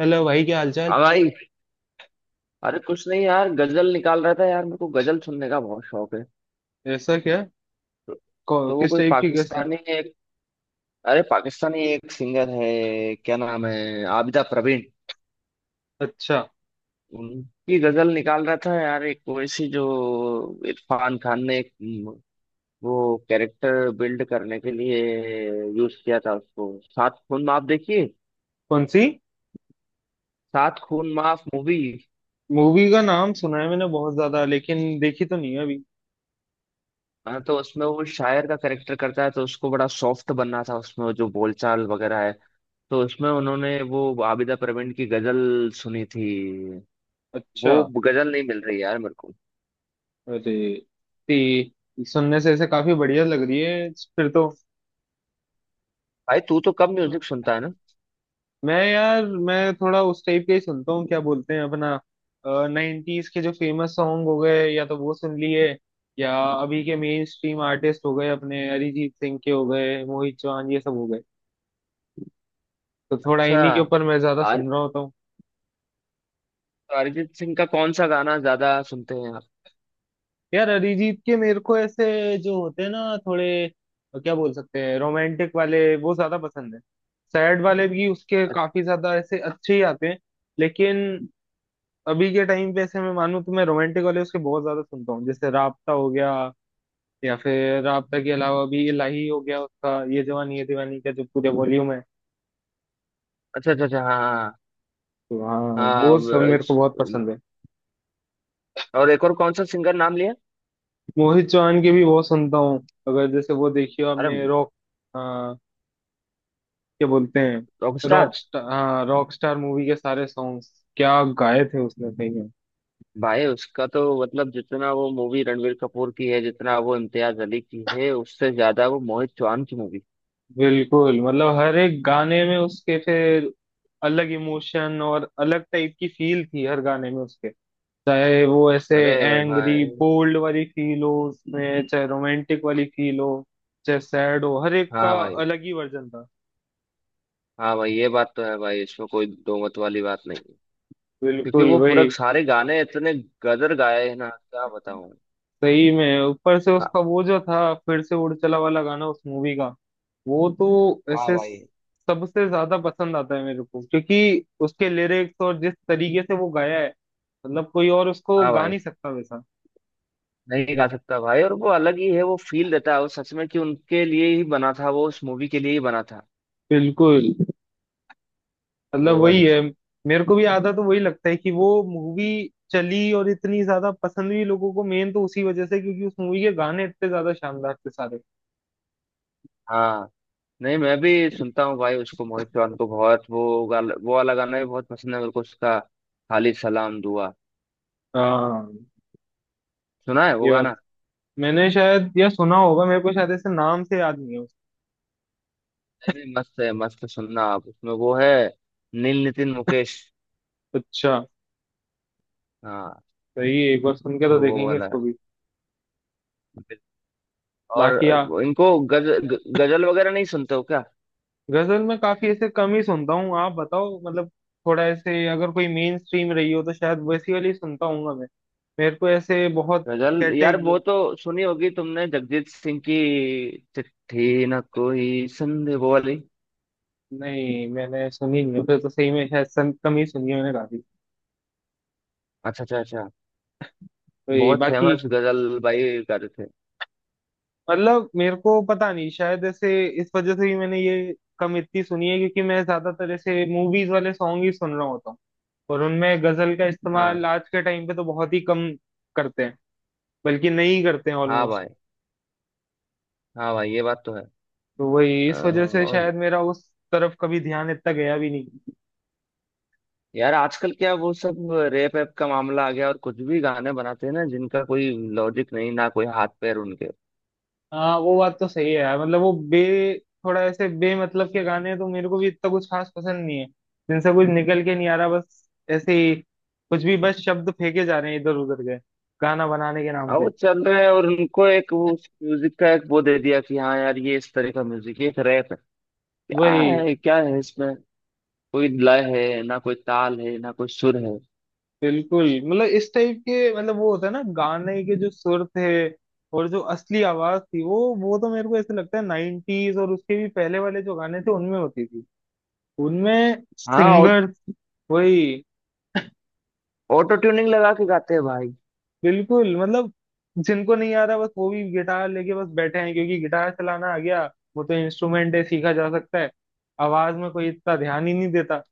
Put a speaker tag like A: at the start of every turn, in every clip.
A: Hello भाई, क्या हालचाल।
B: हाँ भाई। अरे कुछ नहीं यार, गजल निकाल रहा था यार। मेरे को गजल सुनने का बहुत शौक है।
A: ऐसा क्या।
B: तो वो
A: किस
B: कोई
A: टाइप की गेस्ट।
B: पाकिस्तानी एक, अरे पाकिस्तानी एक सिंगर है, क्या नाम है, आबिदा प्रवीण।
A: अच्छा।
B: उनकी गजल निकाल रहा था यार, एक वैसी जो इरफान खान ने एक वो कैरेक्टर बिल्ड करने के लिए यूज किया था उसको, सात खून माफ, देखिए
A: कौन सी।
B: सात खून माफ मूवी।
A: मूवी का नाम सुना है मैंने बहुत ज्यादा, लेकिन देखी तो नहीं है अभी।
B: हाँ तो उसमें वो शायर का कैरेक्टर करता है, तो उसको बड़ा सॉफ्ट बनना था, उसमें जो बोलचाल वगैरह है, तो उसमें उन्होंने वो आबिदा प्रवीण की गजल सुनी थी। वो
A: अच्छा।
B: गजल नहीं मिल रही यार मेरे को।
A: अरे ती, सुनने से ऐसे काफी बढ़िया लग रही है। फिर तो
B: भाई तू तो कम म्यूजिक सुनता है ना।
A: मैं यार, मैं थोड़ा उस टाइप का ही सुनता हूँ, क्या बोलते हैं अपना, 90s के जो फेमस सॉन्ग हो गए या तो वो सुन लिए, या अभी के मेन स्ट्रीम आर्टिस्ट हो गए अपने, अरिजीत सिंह के हो गए, मोहित चौहान, ये सब हो गए। तो थोड़ा
B: अच्छा।
A: इन्हीं के ऊपर मैं ज्यादा
B: आर
A: सुन रहा होता हूँ।
B: अरिजीत सिंह का कौन सा गाना ज्यादा सुनते हैं आप?
A: यार अरिजीत के मेरे को ऐसे जो होते हैं ना थोड़े, क्या बोल सकते हैं, रोमांटिक वाले वो ज्यादा पसंद है। सैड वाले भी उसके
B: अ-
A: काफी ज्यादा ऐसे अच्छे ही आते हैं, लेकिन अभी के टाइम पे ऐसे मैं मानूं तो मैं रोमांटिक वाले उसके बहुत ज्यादा सुनता हूँ। जैसे राबता हो गया, या फिर राबता के अलावा भी इलाही हो गया उसका, ये जवानी ये दीवानी का जो पूरे वॉल्यूम है।
B: अच्छा अच्छा अच्छा, हाँ हाँ।
A: तो हाँ,
B: हाँ
A: वो
B: व-
A: सब मेरे को बहुत
B: अ-
A: पसंद है।
B: और एक और कौन सा सिंगर नाम लिया?
A: मोहित चौहान के भी बहुत सुनता हूँ। अगर जैसे वो देखियो,
B: अरे
A: आपने रॉक, क्या बोलते हैं,
B: रॉकस्टार!
A: रॉक स्टार, हाँ, रॉक स्टार मूवी के सारे सॉन्ग्स क्या गाए थे उसने सही में।
B: भाई उसका तो मतलब, जितना वो मूवी रणवीर कपूर की है, जितना वो इम्तियाज अली की है, उससे ज्यादा वो मोहित चौहान की मूवी।
A: बिल्कुल, मतलब हर एक गाने में उसके फिर अलग इमोशन और अलग टाइप की फील थी हर गाने में उसके। चाहे वो ऐसे
B: अरे
A: एंग्री
B: भाई!
A: बोल्ड वाली फील हो उसमें, चाहे रोमांटिक वाली फील हो, चाहे सैड हो, हर एक
B: हाँ
A: का
B: भाई।
A: अलग ही वर्जन था।
B: हाँ भाई ये बात तो है भाई, इसमें कोई दो मत वाली बात नहीं है। क्योंकि
A: बिल्कुल
B: वो पूरा
A: वही।
B: सारे गाने इतने गदर गाए हैं ना, क्या बताऊं।
A: सही में, ऊपर से
B: हाँ।
A: उसका वो जो था फिर से उड़ चला वाला गाना उस मूवी का, वो तो
B: हाँ
A: ऐसे
B: भाई।
A: सबसे ज्यादा पसंद आता है मेरे को, क्योंकि उसके लिरिक्स और जिस तरीके से वो गाया है, मतलब कोई और उसको
B: हाँ
A: गा
B: भाई,
A: नहीं सकता वैसा।
B: नहीं गा सकता भाई, और वो अलग ही है, वो फील देता है वो, सच में कि उनके लिए ही बना था वो, उस मूवी के लिए ही बना था
A: बिल्कुल, मतलब
B: वो
A: वही
B: वाली चीज़।
A: है। मेरे को भी आधा तो वही लगता है कि वो मूवी चली और इतनी ज्यादा पसंद हुई लोगों को, मेन तो उसी वजह से, क्योंकि उस मूवी के गाने इतने ज्यादा शानदार थे सारे।
B: हाँ, नहीं मैं भी सुनता हूँ भाई उसको, मोहित चौहान को बहुत। वो वाला गाना भी बहुत पसंद है मेरे को उसका, खाली सलाम दुआ
A: हाँ,
B: सुना है वो
A: ये बात।
B: गाना?
A: मैंने शायद यह सुना होगा, मेरे को शायद ऐसे नाम से याद नहीं है।
B: नहीं नहीं, मस्त है मस्त, सुनना आप। उसमें वो है नील नितिन मुकेश।
A: अच्छा,
B: हाँ,
A: सही है, एक बार सुन के तो
B: तो वो
A: देखेंगे
B: वाला
A: इसको भी।
B: है। और
A: बाकी आ,
B: इनको गजल वगैरह नहीं सुनते हो क्या?
A: गजल में काफी ऐसे कम ही सुनता हूँ, आप बताओ मतलब। थोड़ा ऐसे अगर कोई मेन स्ट्रीम रही हो तो शायद वैसी वाली सुनता हूँ मैं। मेरे को ऐसे बहुत
B: गजल यार,
A: कैटेग
B: वो तो सुनी होगी तुमने जगजीत सिंह की, चिट्ठी ना कोई संदेह वो वाली।
A: नहीं, मैंने सुनी नहीं फिर तो। सही में शायद कम ही सुनी है मैंने काफी।
B: अच्छा अच्छा अच्छा।
A: तो ये
B: बहुत
A: बाकी,
B: फेमस गजल भाई गाते थे।
A: मतलब मेरे को पता नहीं, शायद ऐसे इस वजह से ही मैंने ये कम इतनी सुनी है, क्योंकि मैं ज्यादातर ऐसे मूवीज वाले सॉन्ग ही सुन रहा होता हूँ, और उनमें गजल का इस्तेमाल
B: हाँ।
A: आज के टाइम पे तो बहुत ही कम करते हैं, बल्कि नहीं करते हैं
B: हाँ
A: ऑलमोस्ट।
B: भाई, हाँ भाई ये बात तो है।
A: तो वही इस वजह से
B: और
A: शायद मेरा उस तरफ कभी ध्यान इतना गया भी नहीं।
B: यार आजकल क्या वो सब रेप एप का मामला आ गया, और कुछ भी गाने बनाते हैं ना, जिनका कोई लॉजिक नहीं, ना कोई हाथ पैर उनके।
A: हाँ, वो बात तो सही है यार। मतलब वो बे थोड़ा ऐसे बे मतलब के गाने तो मेरे को भी इतना कुछ खास पसंद नहीं है, जिनसे कुछ निकल के नहीं आ रहा, बस ऐसे ही कुछ भी, बस शब्द फेंके जा रहे हैं इधर उधर के गाना बनाने के नाम
B: अब
A: पे।
B: वो चल रहे हैं और उनको एक वो उस म्यूजिक का एक वो दे दिया कि हाँ यार ये इस तरह का म्यूजिक है, एक रैप है। क्या
A: वही,
B: है क्या है इसमें, कोई लय है, ना कोई ताल है, ना कोई सुर है।
A: बिल्कुल, मतलब इस टाइप के, मतलब वो होता है ना, गाने के जो सुर थे और जो असली आवाज थी, वो तो मेरे को ऐसे लगता है 90s और उसके भी पहले वाले जो गाने थे उनमें होती थी। उनमें
B: हाँ, और
A: सिंगर वही।
B: ऑटो ट्यूनिंग लगा के गाते हैं भाई।
A: बिल्कुल, मतलब जिनको नहीं आ रहा बस वो भी गिटार लेके बस बैठे हैं, क्योंकि गिटार चलाना आ गया, वो तो इंस्ट्रूमेंट है, सीखा जा सकता है। आवाज में कोई इतना ध्यान ही नहीं देता।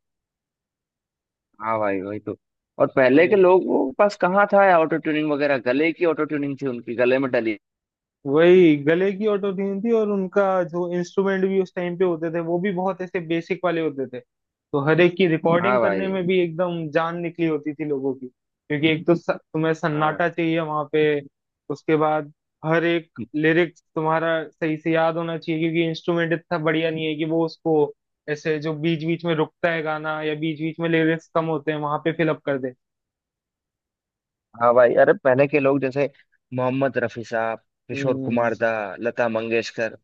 B: हाँ भाई वही तो। और पहले के लोगों के पास कहाँ था यार ऑटो ट्यूनिंग वगैरह, गले की ऑटो ट्यूनिंग थी उनकी, गले में डली।
A: वही गले की ऑटो ट्यून थी, और उनका जो इंस्ट्रूमेंट भी उस टाइम पे होते थे वो भी बहुत ऐसे बेसिक वाले होते थे, तो हर एक की
B: हाँ
A: रिकॉर्डिंग करने
B: भाई।
A: में भी एकदम जान निकली होती थी लोगों की, क्योंकि एक तो तुम्हें
B: हाँ।
A: सन्नाटा चाहिए वहां पे। उसके बाद हर एक लिरिक्स तुम्हारा सही से याद होना चाहिए, क्योंकि इंस्ट्रूमेंट इतना बढ़िया नहीं है कि वो उसको ऐसे जो बीच बीच में रुकता है गाना, या बीच बीच में लिरिक्स कम होते हैं वहां पे फिलअप कर दे।
B: हाँ भाई, अरे पहले के लोग जैसे मोहम्मद रफी साहब, किशोर
A: हम्म।
B: कुमार दा, लता मंगेशकर।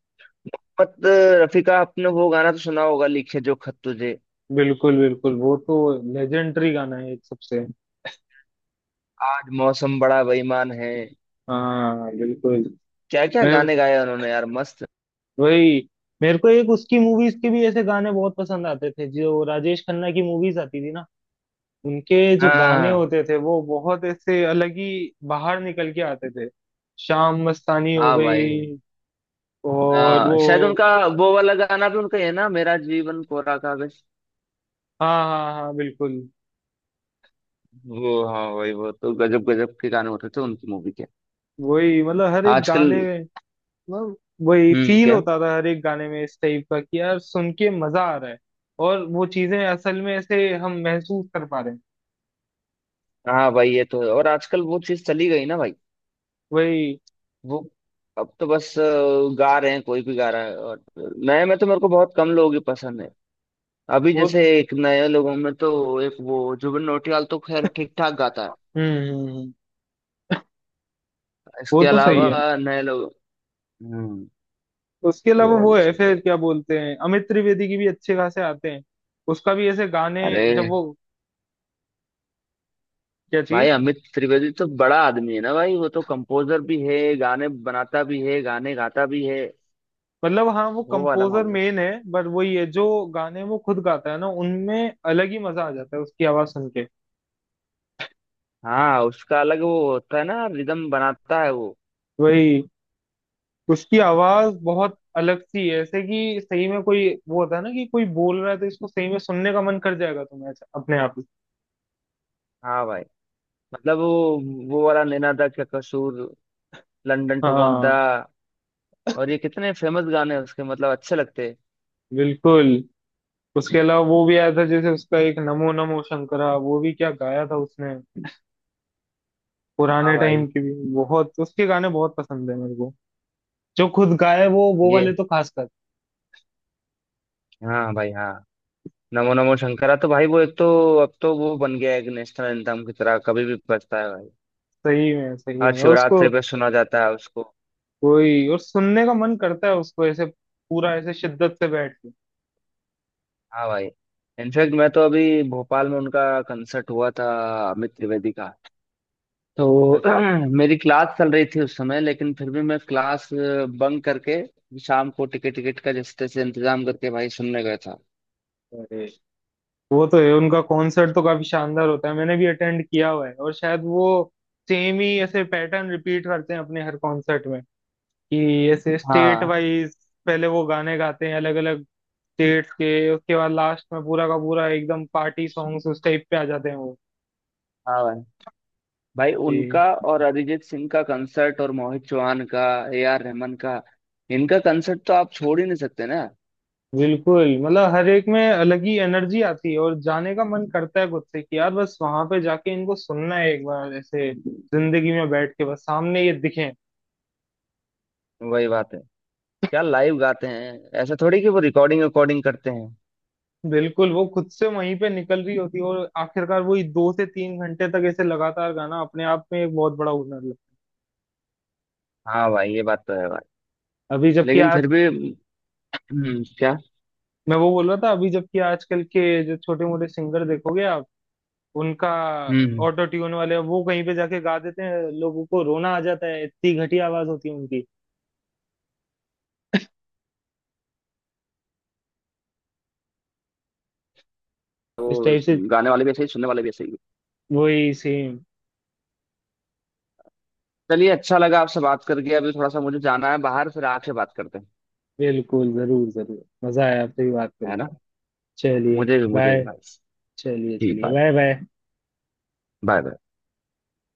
B: मत रफीका, आपने वो गाना तो सुना होगा, लिखे जो खत तुझे,
A: बिल्कुल बिल्कुल, वो तो लेजेंडरी गाना है एक सबसे।
B: आज मौसम बड़ा बेईमान है।
A: हाँ, बिल्कुल।
B: क्या क्या
A: मैं
B: गाने गाए उन्होंने यार, मस्त।
A: वही, मेरे को एक उसकी मूवीज के भी ऐसे गाने बहुत पसंद आते थे, जो राजेश खन्ना की मूवीज आती थी ना, उनके जो गाने
B: हाँ।
A: होते थे वो बहुत ऐसे अलग ही बाहर निकल के आते थे। शाम मस्तानी हो
B: हाँ भाई।
A: गई, और
B: हाँ
A: वो।
B: शायद उनका वो वाला गाना भी उनका ही है ना, मेरा जीवन कोरा कागज।
A: हाँ हाँ हाँ, बिल्कुल।
B: वो हाँ भाई, वो तो गजब गजब के गाने होते थे उनकी मूवी के।
A: वही, मतलब हर एक
B: आजकल,
A: गाने, मतलब वही फील
B: क्या।
A: होता था हर एक गाने में, इस टाइप का कि यार सुन के मजा आ रहा है, और वो चीजें असल में ऐसे हम महसूस कर पा रहे हैं।
B: हाँ भाई ये तो है, और आजकल वो चीज चली गई ना भाई।
A: वही
B: वो, अब तो बस गा रहे हैं, कोई भी गा रहा है। और नए में तो मेरे को बहुत कम लोग ही पसंद है। अभी
A: वो।
B: जैसे एक नए लोगों में तो एक वो जुबिन नौटियाल तो खैर ठीक ठाक गाता है।
A: हम्म। वो
B: इसके
A: तो सही
B: अलावा
A: है।
B: नए लोग। हम्म।
A: उसके
B: वो
A: अलावा वो
B: वाली
A: है,
B: चीज है।
A: फिर क्या बोलते हैं, अमित त्रिवेदी की भी अच्छे खासे आते हैं। उसका भी ऐसे गाने जब वो,
B: अरे
A: क्या
B: भाई
A: चीज।
B: अमित त्रिवेदी तो बड़ा आदमी है ना भाई, वो तो कंपोजर भी है, गाने बनाता भी है, गाने गाता भी है।
A: मतलब हाँ, वो
B: वो वाला
A: कंपोजर
B: मामला।
A: मेन है, बट वो ये जो गाने वो खुद गाता है ना, उनमें अलग ही मजा आ जाता है उसकी आवाज सुन के।
B: हाँ उसका अलग वो होता है ना, रिदम बनाता है वो।
A: वही, उसकी आवाज बहुत अलग सी है ऐसे, कि सही में कोई वो होता है ना, कि कोई बोल रहा है तो इसको सही में सुनने का मन कर जाएगा तुम्हें ऐसा, अपने आप ही।
B: हाँ भाई, मतलब वो वाला नैना दा क्या कसूर, लंदन
A: हाँ
B: ठुमकदा, और ये कितने फेमस गाने हैं उसके, मतलब अच्छे लगते हैं।
A: बिल्कुल। उसके अलावा वो भी आया था जैसे उसका एक नमो नमो शंकरा, वो भी क्या गाया था उसने।
B: हाँ
A: पुराने टाइम
B: भाई।
A: की भी बहुत उसके गाने बहुत पसंद है मेरे को, जो खुद गाए वो वाले
B: ये,
A: तो खासकर।
B: हाँ भाई हाँ। नमो नमो शंकरा तो भाई वो एक तो, अब तो वो बन गया है एक नेशनल एंथम की तरह, कभी भी बजता है भाई,
A: सही में, सही
B: हर
A: में, और उसको
B: शिवरात्रि पे सुना जाता है उसको।
A: वही, और सुनने का मन करता है उसको ऐसे पूरा ऐसे शिद्दत से बैठ के।
B: हाँ भाई, इनफैक्ट मैं तो, अभी भोपाल में उनका कंसर्ट हुआ था, अमित त्रिवेदी का। तो मेरी क्लास चल रही थी उस समय, लेकिन फिर भी मैं क्लास बंक करके, शाम को टिकट टिकट का जैसे तैसे इंतजाम करके भाई सुनने गया था।
A: अरे वो तो है, उनका कॉन्सर्ट तो काफी शानदार होता है, मैंने भी अटेंड किया हुआ है, और शायद वो सेम ही ऐसे पैटर्न रिपीट करते हैं अपने हर कॉन्सर्ट में, कि ऐसे स्टेट
B: हाँ।
A: वाइज पहले वो गाने गाते हैं अलग अलग स्टेट्स के, उसके बाद लास्ट में पूरा का पूरा एकदम पार्टी सॉन्ग्स उस टाइप पे आ जाते हैं वो।
B: हाँ भाई। भाई
A: जी,
B: उनका, और अरिजीत सिंह का कंसर्ट, और मोहित चौहान का, ए आर रहमान का, इनका कंसर्ट तो आप छोड़ ही नहीं सकते ना।
A: बिल्कुल, मतलब हर एक में अलग ही एनर्जी आती है और जाने का मन करता है खुद से कि यार बस वहां पे जाके इनको सुनना है एक बार ऐसे जिंदगी में बैठ के बस सामने ये दिखें।
B: वही बात है, क्या लाइव गाते हैं! ऐसा थोड़ी कि वो रिकॉर्डिंग रिकॉर्डिंग करते हैं।
A: बिल्कुल, वो खुद से वहीं पे निकल रही होती है, और आखिरकार वही 2 से 3 घंटे तक ऐसे लगातार गाना अपने आप में एक बहुत बड़ा हुनर है।
B: हाँ भाई ये बात तो है भाई।
A: अभी जबकि
B: लेकिन
A: आज
B: फिर भी, क्या।
A: मैं वो बोल रहा था, अभी जबकि आजकल के जो छोटे मोटे सिंगर देखोगे आप, उनका
B: हम्म।
A: ऑटो ट्यून वाले वो कहीं पे जाके गा देते हैं, लोगों को रोना आ जाता है, इतनी घटिया आवाज होती है उनकी इस
B: वो
A: टाइप से।
B: गाने वाले भी ऐसे ही, सुनने वाले भी ऐसे ही।
A: वही सेम।
B: चलिए अच्छा लगा आपसे बात करके, अभी थोड़ा सा मुझे जाना है बाहर, फिर आके बात करते हैं,
A: बिल्कुल, जरूर जरूर, मजा आया आपसे भी बात
B: है
A: करके।
B: ना।
A: चलिए,
B: मुझे भी
A: बाय।
B: भाई।
A: चलिए
B: ठीक,
A: चलिए,
B: बाय।
A: Bye bye.
B: बाय।